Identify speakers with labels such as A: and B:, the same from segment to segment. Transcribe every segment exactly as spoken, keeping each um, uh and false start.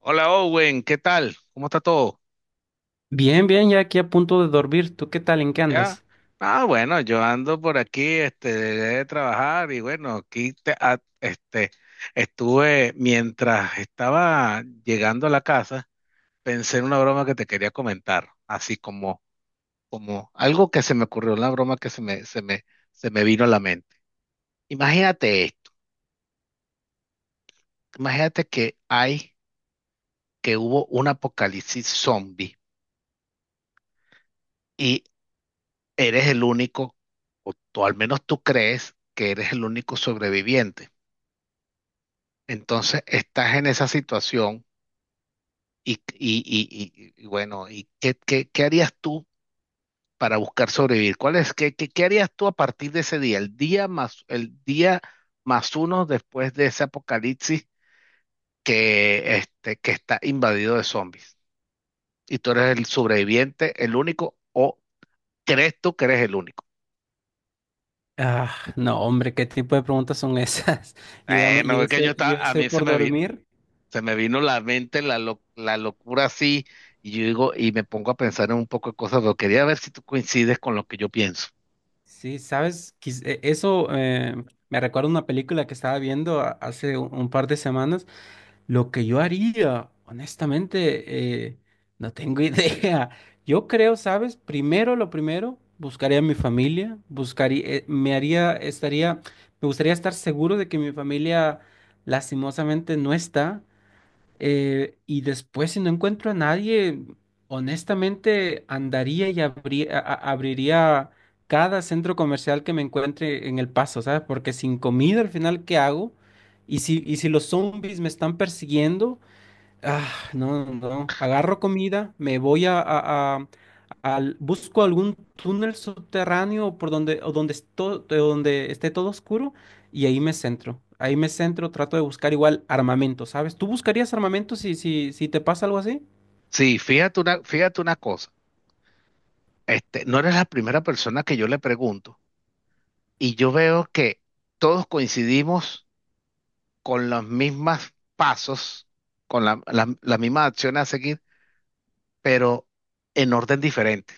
A: Hola Owen, ¿qué tal? ¿Cómo está todo?
B: Bien, bien, ya aquí a punto de dormir. ¿Tú qué tal? ¿En qué
A: ¿Ya?
B: andas?
A: Ah, bueno, yo ando por aquí, este, de trabajar y bueno, aquí te- a- este, estuve mientras estaba llegando a la casa, pensé en una broma que te quería comentar, así como, como algo que se me ocurrió, una broma que se me, se me, se me vino a la mente. Imagínate esto, imagínate que hay, que hubo un apocalipsis zombie, eres el único, o tú- al menos tú crees que eres el único sobreviviente. Entonces estás en esa situación y, y- y- y- y bueno, ¿y qué, qué- qué harías tú para buscar sobrevivir? ¿Cuál es, qué, qué- qué harías tú a partir de ese día? El día más, el día más uno después de ese apocalipsis que, este, que está invadido de zombies. Y tú eres el sobreviviente, el único, o crees tú que eres el único.
B: Ah, no, hombre, ¿qué tipo de preguntas son esas? Yo ya,
A: Eh,
B: me-
A: me
B: yo ya
A: voy, que yo
B: estoy, yo ya
A: estaba, a
B: estoy
A: mí se
B: por
A: me vi
B: dormir.
A: se me vino la mente la, lo- la locura así, y yo digo, y me pongo a pensar en un poco de cosas, pero quería ver si tú coincides con lo que yo pienso.
B: Sí, sabes, Quis- e- eso eh, me recuerda a una película que estaba viendo a- hace un un par de semanas. Lo que yo haría, honestamente, eh, no tengo idea. Yo creo, ¿sabes? Primero, lo primero, buscaría a mi familia, buscaría, eh, me haría, estaría, me gustaría estar seguro de que mi familia lastimosamente no está. Eh, y después, si no encuentro a nadie, honestamente andaría y abrí- a- a- abriría cada centro comercial que me encuentre en El Paso, ¿sabes? Porque sin comida al final, ¿qué hago? Y si, y si los zombies me están persiguiendo, ah, no, no, no. Agarro comida, me voy a, a- a- al, busco algún túnel subterráneo por donde, o donde, esto- de donde esté todo oscuro y ahí me centro. Ahí me centro, trato de buscar igual armamento, ¿sabes? ¿Tú buscarías armamento si, si, si te pasa algo así?
A: Sí, fíjate una, fíjate una cosa, este, no eres la primera persona que yo le pregunto, y yo veo que todos coincidimos con los mismos pasos, con la, la, la misma acción a seguir, pero en orden diferente.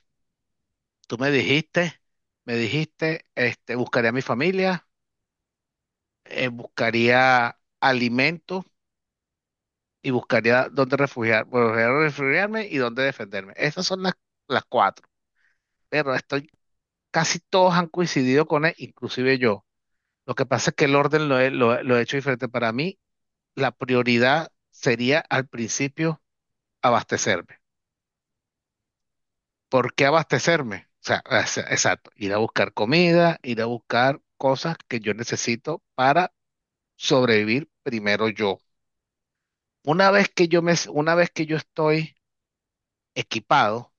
A: Tú me dijiste, Me dijiste, este, buscaría a mi familia, eh, buscaría alimentos y buscaría dónde refugiar, bueno, refugiarme y dónde defenderme. Esas son las, las cuatro, pero estoy, casi todos han coincidido con él, inclusive yo. Lo que pasa es que el orden lo he, lo, lo he hecho diferente. Para mí, la prioridad sería al principio abastecerme. ¿Por qué abastecerme? O sea, es- exacto, ir a buscar comida, ir a buscar cosas que yo necesito para sobrevivir primero yo. Una vez que yo me, una vez que yo estoy equipado,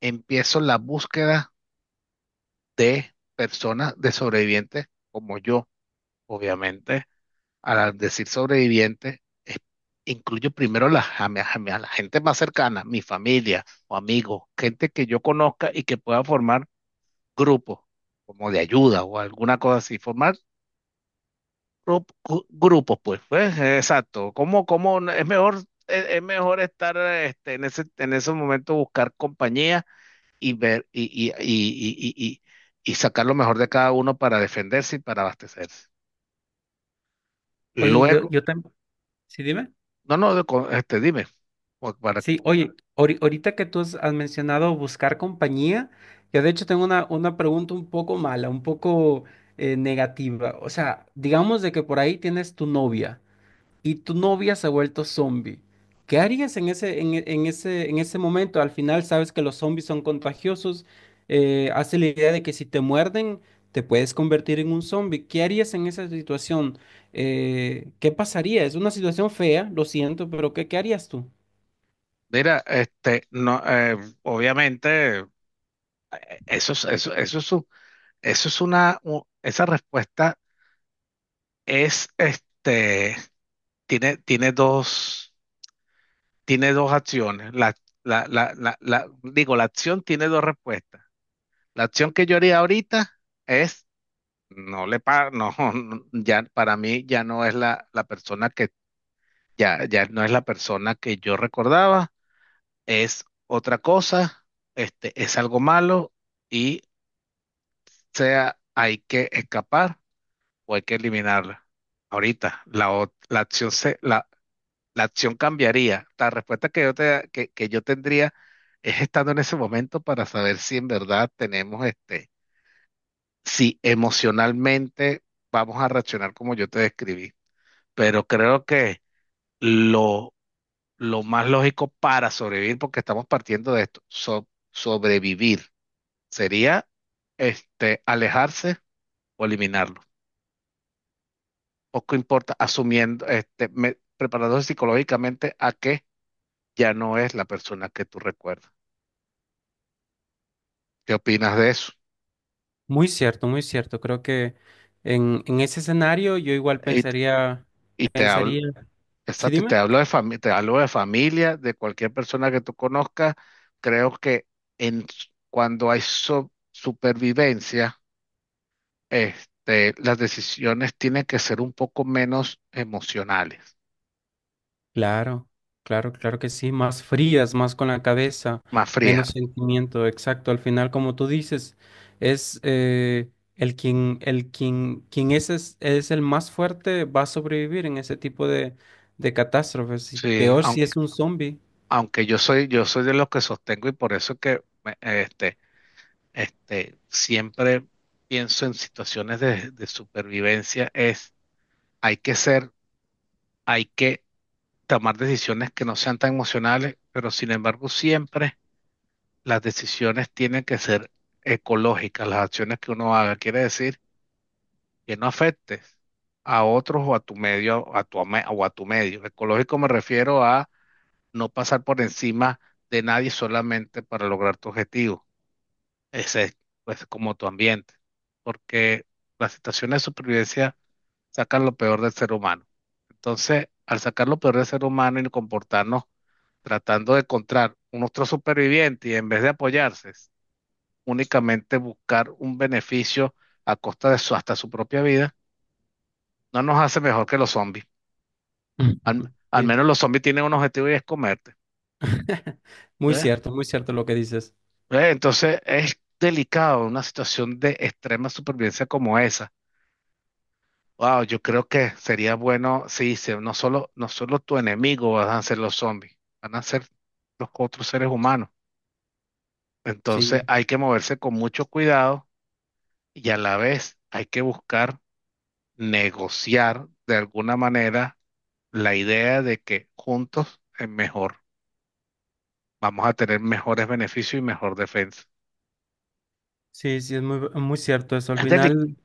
A: empiezo la búsqueda de personas, de sobrevivientes como yo. Obviamente, al decir sobreviviente, es- incluyo primero a la, a mi- a mi- a la gente más cercana, mi familia o amigos, gente que yo conozca y que pueda formar grupos, como de ayuda o alguna cosa así, formar grup- gu- grupos, pues, pues, eh, exacto. ¿Cómo, cómo no- es mejor, es, es mejor estar eh, este, en ese, en esos momentos, buscar compañía y ver y, y, y, y, y- y- sacar lo mejor de cada uno para defenderse y para abastecerse.
B: Oye, yo,
A: Luego,
B: yo también. Sí, dime.
A: no, no, de co- este, dime, o para-
B: Sí, oye, ahori- ahorita que tú has has mencionado buscar compañía, yo de hecho tengo una, una pregunta un poco mala, un poco eh, negativa. O sea, digamos de que por ahí tienes tu novia y tu novia se ha vuelto zombie. ¿Qué harías en ese, en, e- en ese, en ese momento? Al final sabes que los zombies son contagiosos, eh, hace la idea de que si te muerden, te puedes convertir en un zombie. ¿Qué harías en esa situación? Eh, ¿qué pasaría? Es una situación fea, lo siento, pero ¿qué, qué harías tú?
A: mira, este, no, eh, obviamente, eh, eso es, eso, eso es, un- eso es una, u- esa respuesta es, este, tiene, tiene dos, tiene dos acciones. La, la, la, la, la- digo, la acción tiene dos respuestas. La acción que yo haría ahorita es. No le pa, no, no, ya para mí ya no es la, la persona que, ya, ya no es la persona que yo recordaba, es otra cosa, este, es algo malo y, sea, hay que escapar o hay que eliminarla. Ahorita, la, ot- la acción se, la, la acción cambiaría. La respuesta que yo te, que, que yo tendría es estando en ese momento para saber si en verdad tenemos este, si emocionalmente vamos a reaccionar como yo te describí. Pero creo que lo, lo más lógico para sobrevivir, porque estamos partiendo de esto, so- sobrevivir, sería este, alejarse o eliminarlo. Poco importa, asumiendo, este, me- preparándose psicológicamente a que ya no es la persona que tú recuerdas. ¿Qué opinas de eso?
B: Muy cierto, muy cierto. Creo que en, en ese escenario yo igual
A: Y, t-
B: pensaría,
A: y te
B: pensaría,
A: hablo,
B: ¿sí,
A: exacto, y
B: dime?
A: te hablo de familia, te hablo de familia, de cualquier persona que tú conozcas. Creo que en, s- cuando hay so- supervivencia, este, las decisiones tienen que ser un poco menos emocionales,
B: Claro, claro, claro que sí, más frías, más con la cabeza,
A: más frías.
B: menos sentimiento, exacto. Al final, como tú dices, es eh, el quien, el quien, quien es, es, es el más fuerte, va a sobrevivir en ese tipo de, de catástrofes. Y
A: Sí,
B: peor si es
A: aunque,
B: un zombie.
A: aunque yo soy, yo soy de los que sostengo y por eso es que me- este, este, siempre pienso en situaciones de, de supervivencia, es hay que ser, hay que tomar decisiones que no sean tan emocionales, pero sin embargo siempre las decisiones tienen que ser ecológicas, las acciones que uno haga. Quiere decir que no afectes a otros o a tu medio, a tu, ame- o a tu medio. Ecológico me refiero a no pasar por encima de nadie solamente para lograr tu objetivo. Ese es, pues, como tu ambiente, porque las situaciones de supervivencia sacan lo peor del ser humano. Entonces, al sacar lo peor del ser humano y comportarnos tratando de encontrar un otro superviviente y en vez de apoyarse, únicamente buscar un beneficio a costa de su, hasta su propia vida, no nos hace mejor que los zombies. Al, al
B: Sí.
A: menos los zombies tienen un objetivo y es comerte.
B: Muy
A: ¿Ves?
B: cierto, muy cierto lo que dices.
A: ¿Ves? Entonces es delicado una situación de extrema supervivencia como esa. Wow, yo creo que sería bueno, sí, sí. No solo, no solo tu enemigo van a ser los zombies, van a ser los otros seres humanos. Entonces
B: Sí,
A: hay que moverse con mucho cuidado y a la vez hay que buscar negociar de alguna manera la idea de que juntos es mejor, vamos a tener mejores beneficios y mejor defensa.
B: sí, sí, es muy, muy cierto eso. Al
A: Es delicado.
B: final,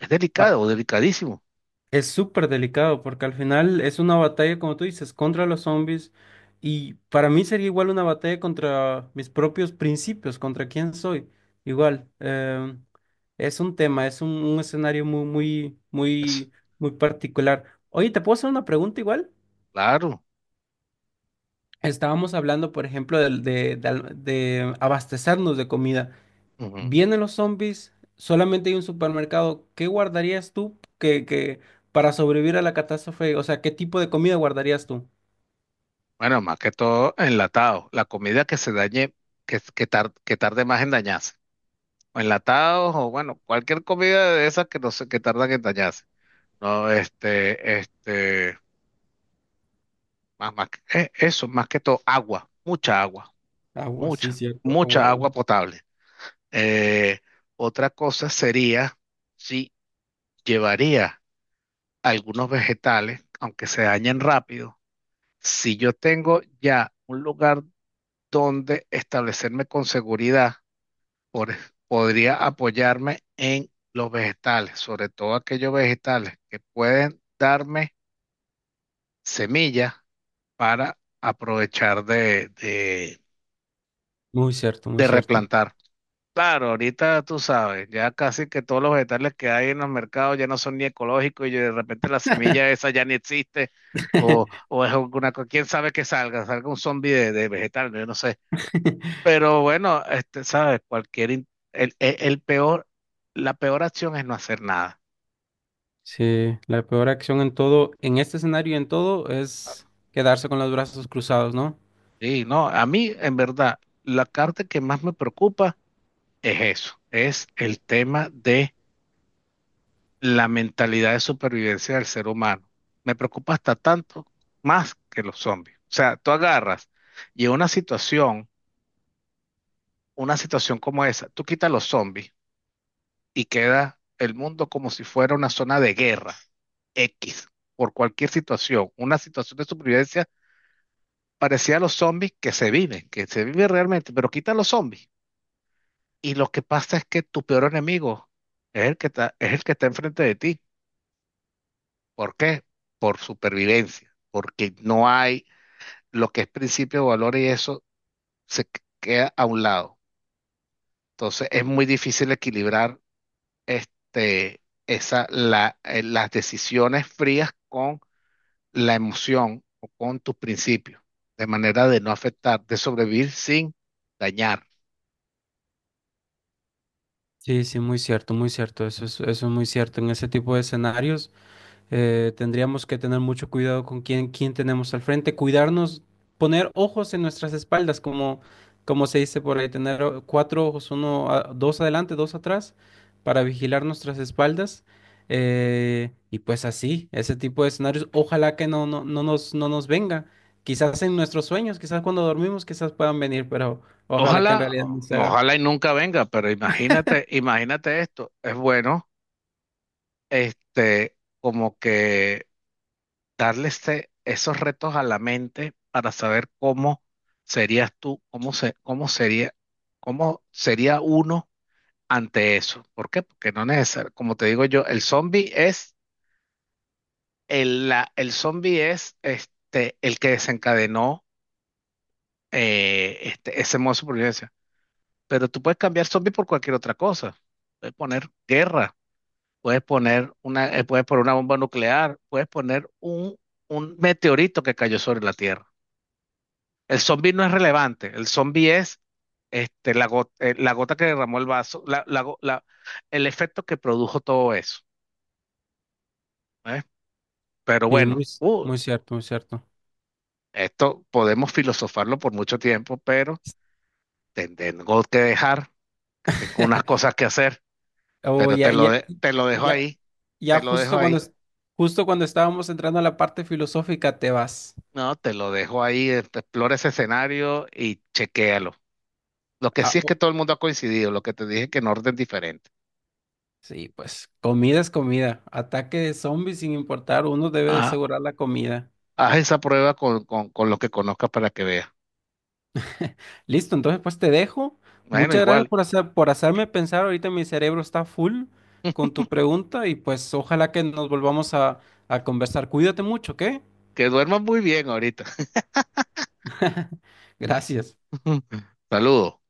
A: Es
B: a-
A: delicado, delicadísimo.
B: es súper delicado porque al final es una batalla, como tú dices, contra los zombies, y para mí sería igual una batalla contra mis propios principios, contra quién soy. Igual, eh, es un tema, es un, un escenario muy, muy,
A: Es,
B: muy, muy particular. Oye, ¿te puedo hacer una pregunta igual?
A: claro.
B: Estábamos hablando, por ejemplo, del- de, de al- de abastecernos de comida.
A: Ujú.
B: Vienen los zombies, solamente hay un supermercado. ¿Qué guardarías tú que, que para sobrevivir a la catástrofe? O sea, ¿qué tipo de comida guardarías tú?
A: Bueno, más que todo enlatado. La comida que se dañe, que, que, tar- que tarde más en dañarse. O enlatados, o bueno, cualquier comida de esas que no sé, que tardan en dañarse. No, este, este, más, más, que- eh, eso, más que todo, agua, mucha agua,
B: Agua, sí,
A: mucha,
B: cierto, agua,
A: mucha
B: agua.
A: agua potable. Eh, Otra cosa sería si llevaría algunos vegetales, aunque se dañen rápido. Si yo tengo ya un lugar donde establecerme con seguridad, por- podría apoyarme en los vegetales, sobre todo aquellos vegetales que pueden darme semillas para aprovechar de, de-
B: Muy cierto, muy
A: de
B: cierto.
A: replantar. Claro, ahorita tú sabes, ya casi que todos los vegetales que hay en los mercados ya no son ni ecológicos y de repente la semilla esa ya ni existe o, o es alguna cosa, quién sabe que salga, salga un zombie de, de vegetal, yo no sé. Pero bueno, este, sabes, cualquier, in- el, el- el peor, la peor acción es no hacer nada.
B: Sí, la peor acción en todo, en este escenario y en todo, es quedarse con los brazos cruzados, ¿no?
A: Sí, no, a mí, en verdad, la carta que más me preocupa es eso, es el tema de la mentalidad de supervivencia del ser humano. Me preocupa hasta tanto más que los zombies. O sea, tú agarras y en una situación, una situación como esa, tú quitas los zombies y queda el mundo como si fuera una zona de guerra X, por cualquier situación, una situación de supervivencia parecida a los zombies que se viven, que se vive realmente, pero quita los zombies. Y lo que pasa es que tu peor enemigo es el que está, es el que está enfrente de ti. ¿Por qué? Por supervivencia, porque no hay lo que es principio de valor y eso se qu- queda a un lado. Entonces es muy difícil equilibrar este, esa, la- eh, las decisiones frías con la emoción o con tus principios, de manera de no afectar, de sobrevivir sin dañar.
B: Sí, sí, muy cierto, muy cierto. Eso es, eso es muy cierto. En ese tipo de escenarios. Eh, tendríamos que tener mucho cuidado con quién, quién tenemos al frente, cuidarnos, poner ojos en nuestras espaldas, como, como se dice por ahí, tener o- cuatro ojos, uno, a- dos adelante, dos atrás, para vigilar nuestras espaldas. Eh, y pues así, ese tipo de escenarios, ojalá que no, no, no nos, no nos venga. Quizás en nuestros sueños, quizás cuando dormimos, quizás puedan venir, pero ojalá que en
A: Ojalá,
B: realidad no se haga.
A: ojalá y nunca venga, pero imagínate, imagínate esto, es bueno, este, como que darle ese- esos retos a la mente para saber cómo serías tú, cómo se, cómo sería, cómo sería uno ante eso. ¿Por qué? Porque no es necesario, como te digo yo, el zombie es. El, la- el zombie es, este, el que desencadenó eh, este, ese modo de supervivencia. Pero tú puedes cambiar zombie por cualquier otra cosa. Puedes poner guerra, puedes poner una, eh, puedes poner una bomba nuclear, puedes poner un, un meteorito que cayó sobre la Tierra. El zombie no es relevante. El zombie es, este, la, go- eh, la gota que derramó el vaso, la, la go- la- el efecto que produjo todo eso. ¿Eh? Pero
B: Sí,
A: bueno,
B: muy,
A: uh,
B: muy cierto, muy cierto.
A: esto podemos filosofarlo por mucho tiempo, pero... te- tengo que dejar, que tengo unas cosas que hacer,
B: Oh,
A: pero te
B: ya,
A: lo,
B: ya,
A: de- te lo dejo
B: ya,
A: ahí,
B: ya
A: te lo dejo
B: justo cuando,
A: ahí.
B: es- justo cuando estábamos entrando a la parte filosófica te vas.
A: No, te lo dejo ahí, eh, explora ese escenario y chequéalo. Lo que
B: Ah,
A: sí es que
B: oh,
A: todo el mundo ha coincidido, lo que te dije que en orden diferente.
B: sí, pues comida es comida. Ataque de zombies sin importar, uno debe de
A: Ah,
B: asegurar la comida.
A: haz esa prueba con, con, con lo que conozcas para que veas.
B: Listo, entonces pues te dejo.
A: Bueno,
B: Muchas gracias
A: igual,
B: por hacer, por hacerme pensar. Ahorita mi cerebro está full con tu pregunta y pues ojalá que nos volvamos a, a conversar. Cuídate mucho, ¿ok?
A: que duermas muy bien ahorita.
B: Gracias.
A: Saludos.